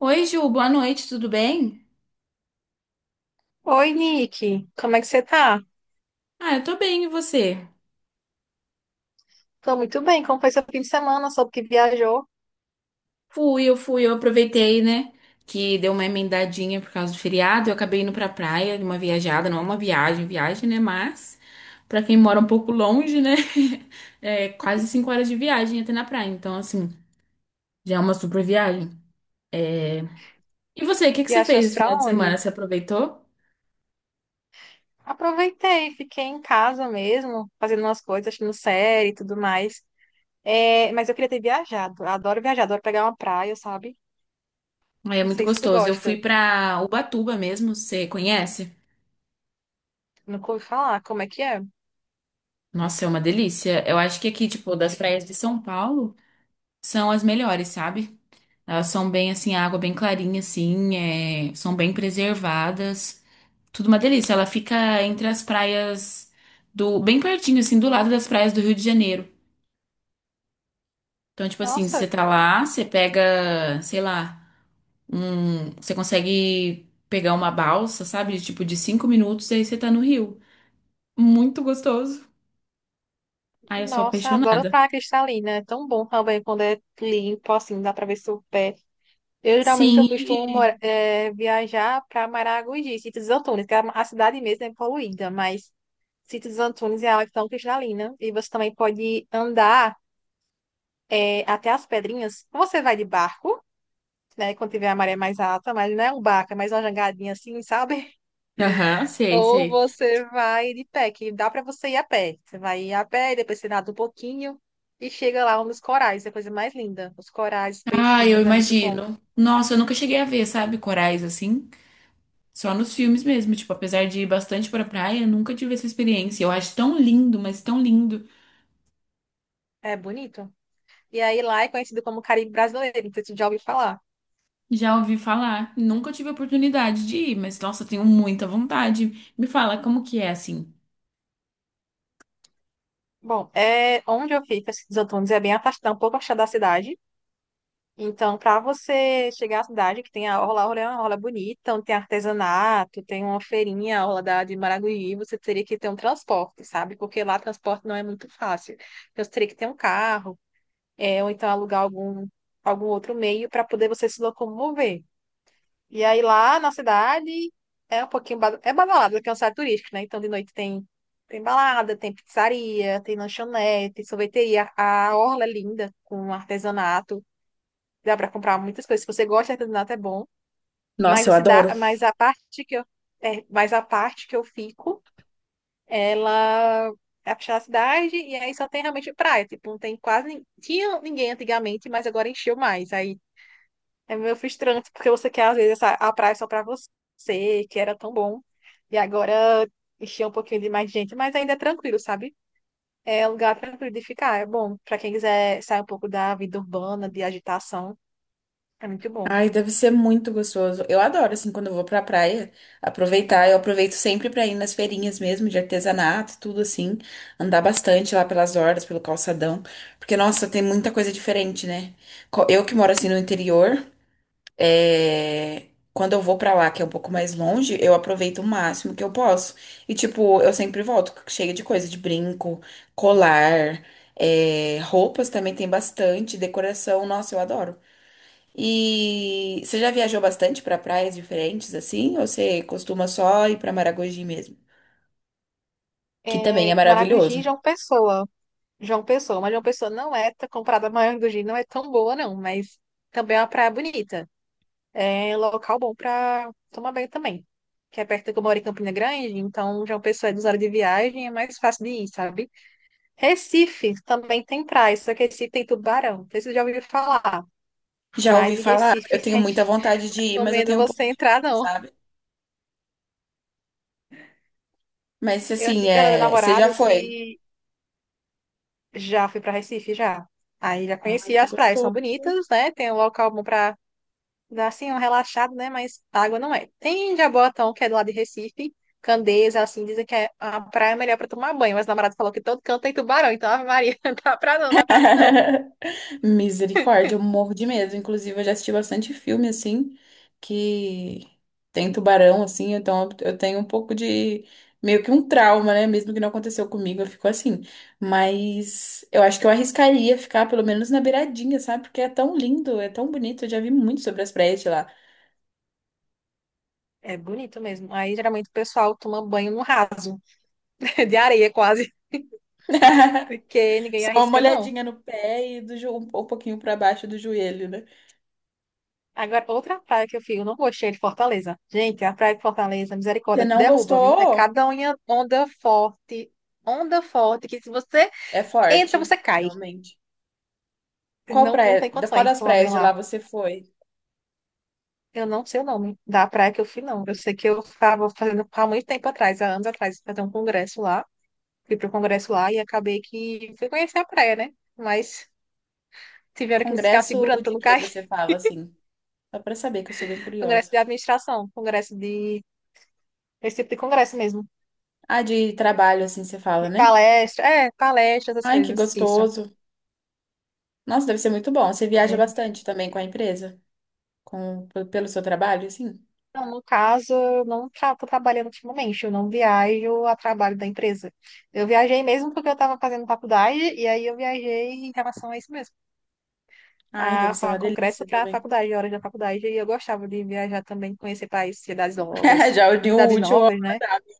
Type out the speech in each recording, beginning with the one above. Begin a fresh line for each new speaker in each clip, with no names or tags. Oi, Ju, boa noite, tudo bem?
Oi, Nick. Como é que você tá?
Eu tô bem, e você?
Tô muito bem. Como foi seu fim de semana? Soube que viajou.
Eu fui, eu aproveitei, né? Que deu uma emendadinha por causa do feriado. Eu acabei indo pra praia, uma viajada, não é uma viagem, viagem, né? Mas, pra quem mora um pouco longe, né? É quase 5 horas de viagem até na praia. Então, assim, já é uma super viagem. E você, o que que você fez
Viajaste
esse
pra
final de semana?
onde?
Você aproveitou?
Aproveitei, fiquei em casa mesmo, fazendo umas coisas, assistindo série e tudo mais. É, mas eu queria ter viajado. Eu adoro viajar, adoro pegar uma praia, sabe?
É
Não
muito
sei se tu
gostoso. Eu fui
gosta.
pra Ubatuba mesmo, você conhece?
Nunca ouvi falar. Como é que é?
Nossa, é uma delícia. Eu acho que aqui, tipo, das praias de São Paulo são as melhores, sabe? Elas são bem assim, a água bem clarinha, assim, são bem preservadas. Tudo uma delícia. Ela fica entre as praias do, bem pertinho, assim, do lado das praias do Rio de Janeiro. Então, tipo assim, você
Nossa,
tá lá, você pega, sei lá, um, você consegue pegar uma balsa, sabe? Tipo, de 5 minutos, aí você tá no Rio. Muito gostoso. Ai, eu sou
nossa, adoro
apaixonada.
praia cristalina. É tão bom também quando é limpo, assim, dá pra ver seu pé. Eu geralmente eu
Sim,
costumo
e-
mora- eh, viajar para Maragogi, Sítio dos Antunes, que é a cidade mesmo é poluída, mas Sítio dos Antunes é água tão cristalina e você também pode andar até as pedrinhas. Você vai de barco, né, quando tiver a maré mais alta, mas não é um barco, é mais uma jangadinha assim, sabe?
Aham, sei,
Ou
sei.
você vai de pé, que dá para você ir a pé. Você vai ir a pé, depois você nada um pouquinho e chega lá nos corais, é a coisa mais linda. Os corais, os
Ah, eu
peixinhos, é muito bom.
imagino. Nossa, eu nunca cheguei a ver, sabe, corais assim. Só nos filmes mesmo. Tipo, apesar de ir bastante pra praia, nunca tive essa experiência. Eu acho tão lindo, mas tão lindo.
É bonito. E aí lá é conhecido como Caribe Brasileiro, não sei se você já ouviu falar.
Já ouvi falar. Nunca tive a oportunidade de ir, mas nossa, tenho muita vontade. Me fala como que é assim.
Bom, é onde eu fico, esses Antunes, é bem afastado, um pouco afastado da cidade. Então, para você chegar à cidade, que tem a orla é uma orla bonita, onde tem artesanato, tem uma feirinha, a orla da, de Maragogi, você teria que ter um transporte, sabe? Porque lá transporte não é muito fácil. Então, você teria que ter um carro, é, ou então alugar algum, algum outro meio para poder você se locomover. E aí lá na cidade é um pouquinho é badalado, porque é um site turístico, né? Então de noite tem balada, tem pizzaria, tem lanchonete, sorveteria, a orla é linda com artesanato, dá para comprar muitas coisas. Se você gosta de artesanato é bom, mas
Nossa,
a
eu
cidade,
adoro.
mas a parte que eu fico, ela é puxar a cidade e aí só tem realmente praia, tipo, não tem tinha ninguém antigamente, mas agora encheu mais. Aí é meio frustrante, porque você quer, às vezes, a praia só pra você, que era tão bom. E agora encher um pouquinho de mais gente, mas ainda é tranquilo, sabe? É um lugar tranquilo de ficar. É bom pra quem quiser sair um pouco da vida urbana, de agitação. É muito bom.
Ai, deve ser muito gostoso. Eu adoro, assim, quando eu vou pra praia, aproveitar. Eu aproveito sempre pra ir nas feirinhas mesmo, de artesanato, tudo assim. Andar bastante lá pelas orlas, pelo calçadão. Porque, nossa, tem muita coisa diferente, né? Eu que moro, assim, no interior, é, quando eu vou pra lá, que é um pouco mais longe, eu aproveito o máximo que eu posso. E, tipo, eu sempre volto cheia de coisa, de brinco, colar, roupas também tem bastante, decoração. Nossa, eu adoro. E você já viajou bastante para praias diferentes assim? Ou você costuma só ir para Maragogi mesmo? Que também é
É, Maragogi e
maravilhoso.
João Pessoa. João Pessoa, mas João Pessoa não é, comparada a Maragogi, não é tão boa, não, mas também é uma praia bonita. É local bom para tomar banho também. Que é perto que eu moro em Campina Grande, então já é uma pessoa é horas de viagem, é mais fácil de ir, sabe? Recife também tem praia, só que Recife tem tubarão. Não sei se você já ouviu falar,
Já ouvi
mas em
falar, eu
Recife
tenho
tem.
muita vontade de ir,
Não
mas eu
recomendo
tenho um
você
pouco de
entrar,
medo,
não.
sabe? Mas
Eu
assim,
aqui perto da minha
você já
namorada,
foi?
se já fui para Recife, já. Aí já
Ai,
conheci
que
as praias, são
gostoso.
bonitas, né? Tem um local bom para dá assim um relaxado, né? Mas água não é. Tem Jaboatão, que é do lado de Recife. Candeias, assim, dizem que é a praia é melhor para tomar banho. Mas o namorado falou que todo canto tem tubarão. Então, Ave Maria, não dá pra não, dá pra mim não.
Misericórdia, eu morro de medo. Inclusive, eu já assisti bastante filme assim que tem tubarão assim, então eu tenho um pouco de meio que um trauma, né? Mesmo que não aconteceu comigo, eu fico assim. Mas eu acho que eu arriscaria ficar pelo menos na beiradinha, sabe? Porque é tão lindo, é tão bonito. Eu já vi muito sobre as praias de lá.
É bonito mesmo. Aí, geralmente, o pessoal toma banho no raso, de areia quase. Porque ninguém
Só uma
arrisca, não.
olhadinha no pé e um pouquinho pra baixo do joelho, né?
Agora, outra praia que eu fico, eu não gostei é de Fortaleza. Gente, a praia de Fortaleza,
Você
misericórdia, te
não
derruba, viu? É
gostou?
onda forte, que se você
É
entra, você
forte,
cai.
realmente. Qual
Não, não
praia,
tem
da- qual
condições de
das
tomar
praias
banho
de lá
lá.
você foi?
Eu não sei o nome da praia que eu fui, não. Eu sei que eu estava fazendo há muito tempo atrás, há anos atrás, fazer um congresso lá. Fui para o congresso lá e acabei que fui conhecer a praia, né? Mas tiveram que me ficar
Congresso
segurando para
de
não
que
cair.
você fala, assim? Só pra saber que eu sou bem
Congresso
curiosa.
de administração, congresso de. Esse tipo de congresso mesmo.
Ah, de trabalho, assim, você fala,
De
né?
palestra, é, palestra, essas
Ai, que
coisas. Isso.
gostoso. Nossa, deve ser muito bom. Você
Aí
viaja
a gente-
bastante também com a empresa? Pelo seu trabalho, assim?
Não, no caso, eu não estou trabalhando ultimamente, eu não viajo a trabalho da empresa. Eu viajei mesmo porque eu estava fazendo faculdade, e aí eu viajei em relação a isso mesmo.
Ai, deve ser uma
Congresso
delícia
para a
também.
faculdade, horas da faculdade, e eu gostava de viajar também, conhecer países, cidades longas,
Já uniu o
cidades
útil ao
novas, né?
agradável.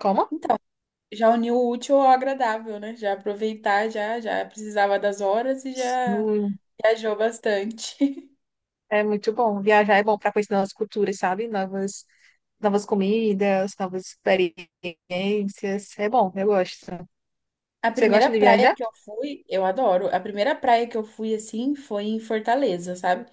Como?
Então, já uniu o útil ao agradável, né? Já aproveitar, já precisava das horas e já
Sim,
viajou bastante.
é muito bom. Viajar é bom para conhecer novas culturas, sabe? Novas comidas, novas experiências. É bom, eu gosto.
A
Você
primeira
gosta de
praia
viajar?
que eu fui, eu adoro. A primeira praia que eu fui assim foi em Fortaleza, sabe?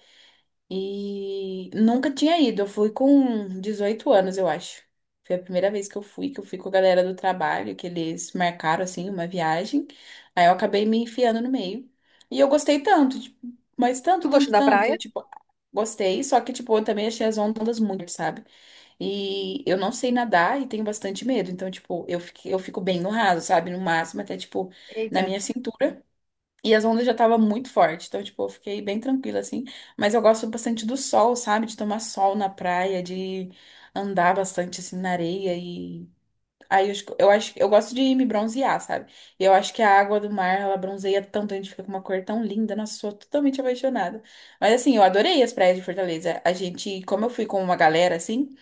E nunca tinha ido. Eu fui com 18 anos, eu acho. Foi a primeira vez que eu fui com a galera do trabalho, que eles marcaram assim uma viagem. Aí eu acabei me enfiando no meio. E eu gostei tanto, tipo, mas tanto,
Tu gosta
tanto,
da
tanto,
praia?
tipo, gostei, só que tipo, eu também achei as ondas muito, sabe? E eu não sei nadar e tenho bastante medo. Então, tipo, eu fico bem no raso, sabe? No máximo, até, tipo, na
Eita,
minha cintura. E as ondas já estavam muito fortes. Então, tipo, eu fiquei bem tranquila, assim. Mas eu gosto bastante do sol, sabe? De tomar sol na praia, de andar bastante, assim, na areia. E aí eu acho, eu gosto de me bronzear, sabe? E eu acho que a água do mar, ela bronzeia tanto, a gente fica com uma cor tão linda. Nossa, sou totalmente apaixonada. Mas, assim, eu adorei as praias de Fortaleza. A gente, como eu fui com uma galera, assim.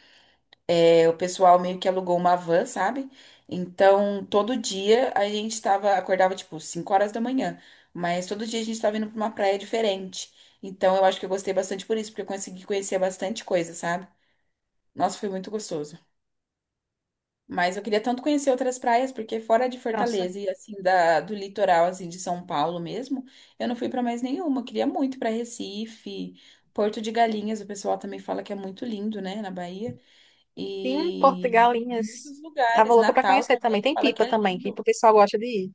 É, o pessoal meio que alugou uma van, sabe? Então, todo dia acordava tipo 5 horas da manhã, mas todo dia a gente tava indo pra uma praia diferente. Então, eu acho que eu gostei bastante por isso, porque eu consegui conhecer bastante coisa, sabe? Nossa, foi muito gostoso. Mas eu queria tanto conhecer outras praias, porque fora de
nossa.
Fortaleza e assim do litoral assim de São Paulo mesmo, eu não fui pra mais nenhuma. Eu queria muito pra Recife, Porto de Galinhas, o pessoal também fala que é muito lindo, né, na Bahia.
Sim,
E
Portugalinhas.
muitos
Tava
lugares.
louca para
Natal
conhecer também.
também,
Tem
fala que
Pipa
é
também, que
lindo.
o pessoal gosta de ir.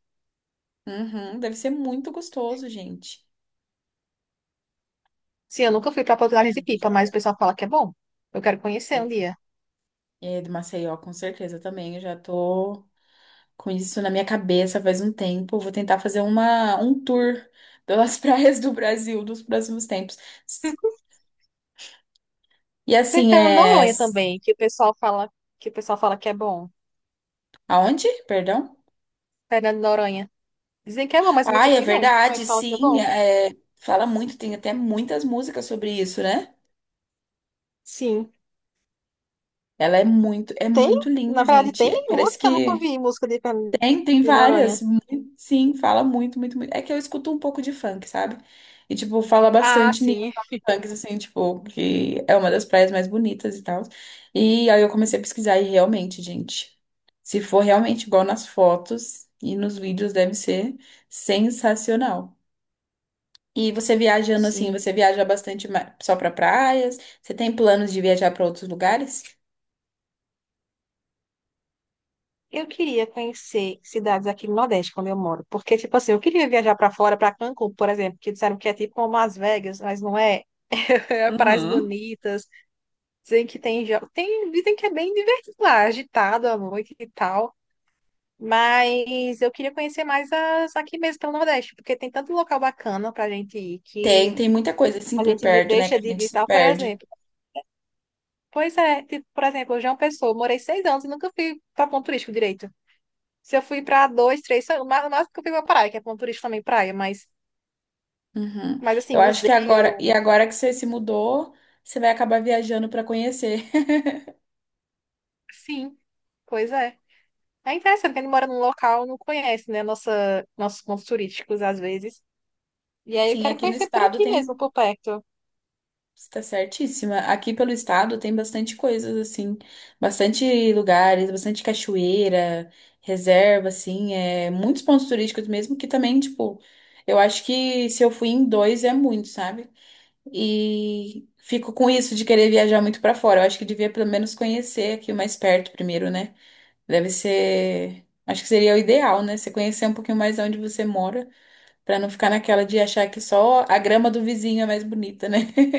Uhum, deve ser muito gostoso, gente.
Sim, eu nunca fui para
Ai,
Portugalinhas
eu
e
não vejo
Pipa,
a
mas
hora.
o pessoal fala que é bom. Eu quero conhecer um
Ele-
dia.
É do Maceió, com certeza também. Eu já tô com isso na minha cabeça faz um tempo. Eu vou tentar fazer um tour pelas praias do Brasil dos próximos tempos. E
Tem
assim,
Fernando de
é.
Noronha também, que o pessoal fala que é bom.
Aonde? Perdão?
Fernando de Noronha. Dizem que é bom, mas eu nunca
Ai, é
fui, não. Mas
verdade,
fala que é
sim.
bom.
Fala muito, tem até muitas músicas sobre isso, né?
Sim.
Ela é
Tem?
muito lindo,
Na verdade, tem
gente. Parece
música? Eu nunca
que
ouvi música de, Fernando-
tem
de Noronha.
várias. Sim, fala muito, muito, muito. É que eu escuto um pouco de funk, sabe? E, tipo, fala
Ah,
bastante nisso.
sim.
Funks, assim, tipo, que é uma das praias mais bonitas e tal. E aí eu comecei a pesquisar e realmente, gente, se for realmente igual nas fotos e nos vídeos, deve ser sensacional. E você viajando assim,
Sim.
você viaja bastante só pra praias? Você tem planos de viajar pra outros lugares?
Eu queria conhecer cidades aqui no Nordeste, quando eu moro. Porque, tipo assim, eu queria viajar pra fora, pra Cancún, por exemplo, que disseram que é tipo como Las Vegas, mas não é. É praias
Uhum.
bonitas. Dizem que tem, tem, dizem que é bem divertido lá, agitado à noite e tal. Mas eu queria conhecer mais as aqui mesmo pelo Nordeste, porque tem tanto local bacana pra gente ir
Tem,
que
tem muita coisa assim
a
por
gente
perto, né, que
deixa
a
de
gente se
visitar, por
perde.
exemplo. Pois é, tipo, por exemplo, João Pessoa, eu morei 6 anos e nunca fui pra ponto turístico direito. Se eu fui pra dois, três, o máximo que eu fui pra praia, que é ponto turístico também praia,
Uhum.
mas assim,
Eu acho que agora,
museu,
e agora que você se mudou, você vai acabar viajando para conhecer.
sim, pois é. É interessante que a gente mora num local, não conhece, né, nossa, nossos pontos turísticos às vezes. E aí eu
Sim,
quero
aqui no
conhecer por
estado
aqui mesmo, por perto.
está certíssima. Aqui pelo estado tem bastante coisas assim, bastante lugares, bastante cachoeira, reserva assim, é muitos pontos turísticos mesmo que também, tipo, eu acho que se eu fui em dois é muito, sabe? E fico com isso de querer viajar muito para fora. Eu acho que devia pelo menos conhecer aqui o mais perto primeiro, né? Deve ser. Acho que seria o ideal, né? Você conhecer um pouquinho mais onde você mora, pra não ficar naquela de achar que só a grama do vizinho é mais bonita, né?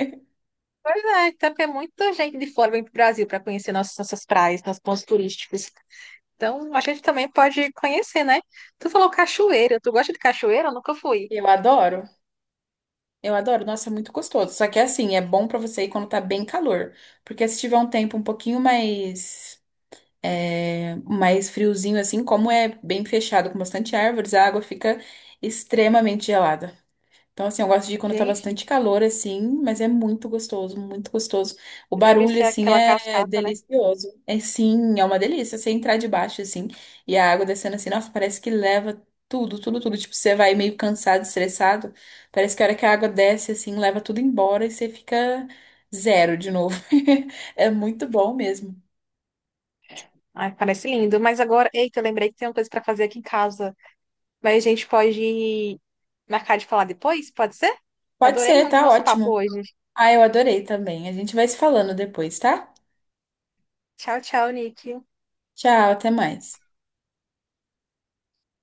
Pois é, até porque muita gente de fora vem para o Brasil para conhecer nossas praias, nossos pontos turísticos. Então, a gente também pode conhecer, né? Tu falou cachoeira. Tu gosta de cachoeira? Eu nunca fui.
Eu adoro. Eu adoro. Nossa, é muito gostoso. Só que é assim, é bom pra você ir quando tá bem calor. Porque se tiver um tempo um pouquinho mais mais friozinho assim, como é bem fechado com bastante árvores, a água fica extremamente gelada. Então, assim, eu gosto de ir quando tá
Gente,
bastante calor, assim, mas é muito gostoso, muito gostoso. O
deve
barulho,
ser
assim,
aquela
é
cascata, né?
delicioso. É sim, é uma delícia. Você entrar debaixo, assim, e a água descendo assim, nossa, parece que leva tudo, tudo, tudo. Tipo, você vai meio cansado, estressado, parece que a hora que a água desce, assim, leva tudo embora e você fica zero de novo. É muito bom mesmo.
Ai, parece lindo. Mas agora, eita, eu lembrei que tem uma coisa para fazer aqui em casa. Mas a gente pode marcar de falar depois? Pode ser?
Pode
Adorei
ser,
muito o
tá
nosso papo
ótimo.
hoje.
Ah, eu adorei também. A gente vai se falando depois, tá?
Tchau, tchau, Nick.
Tchau, até mais.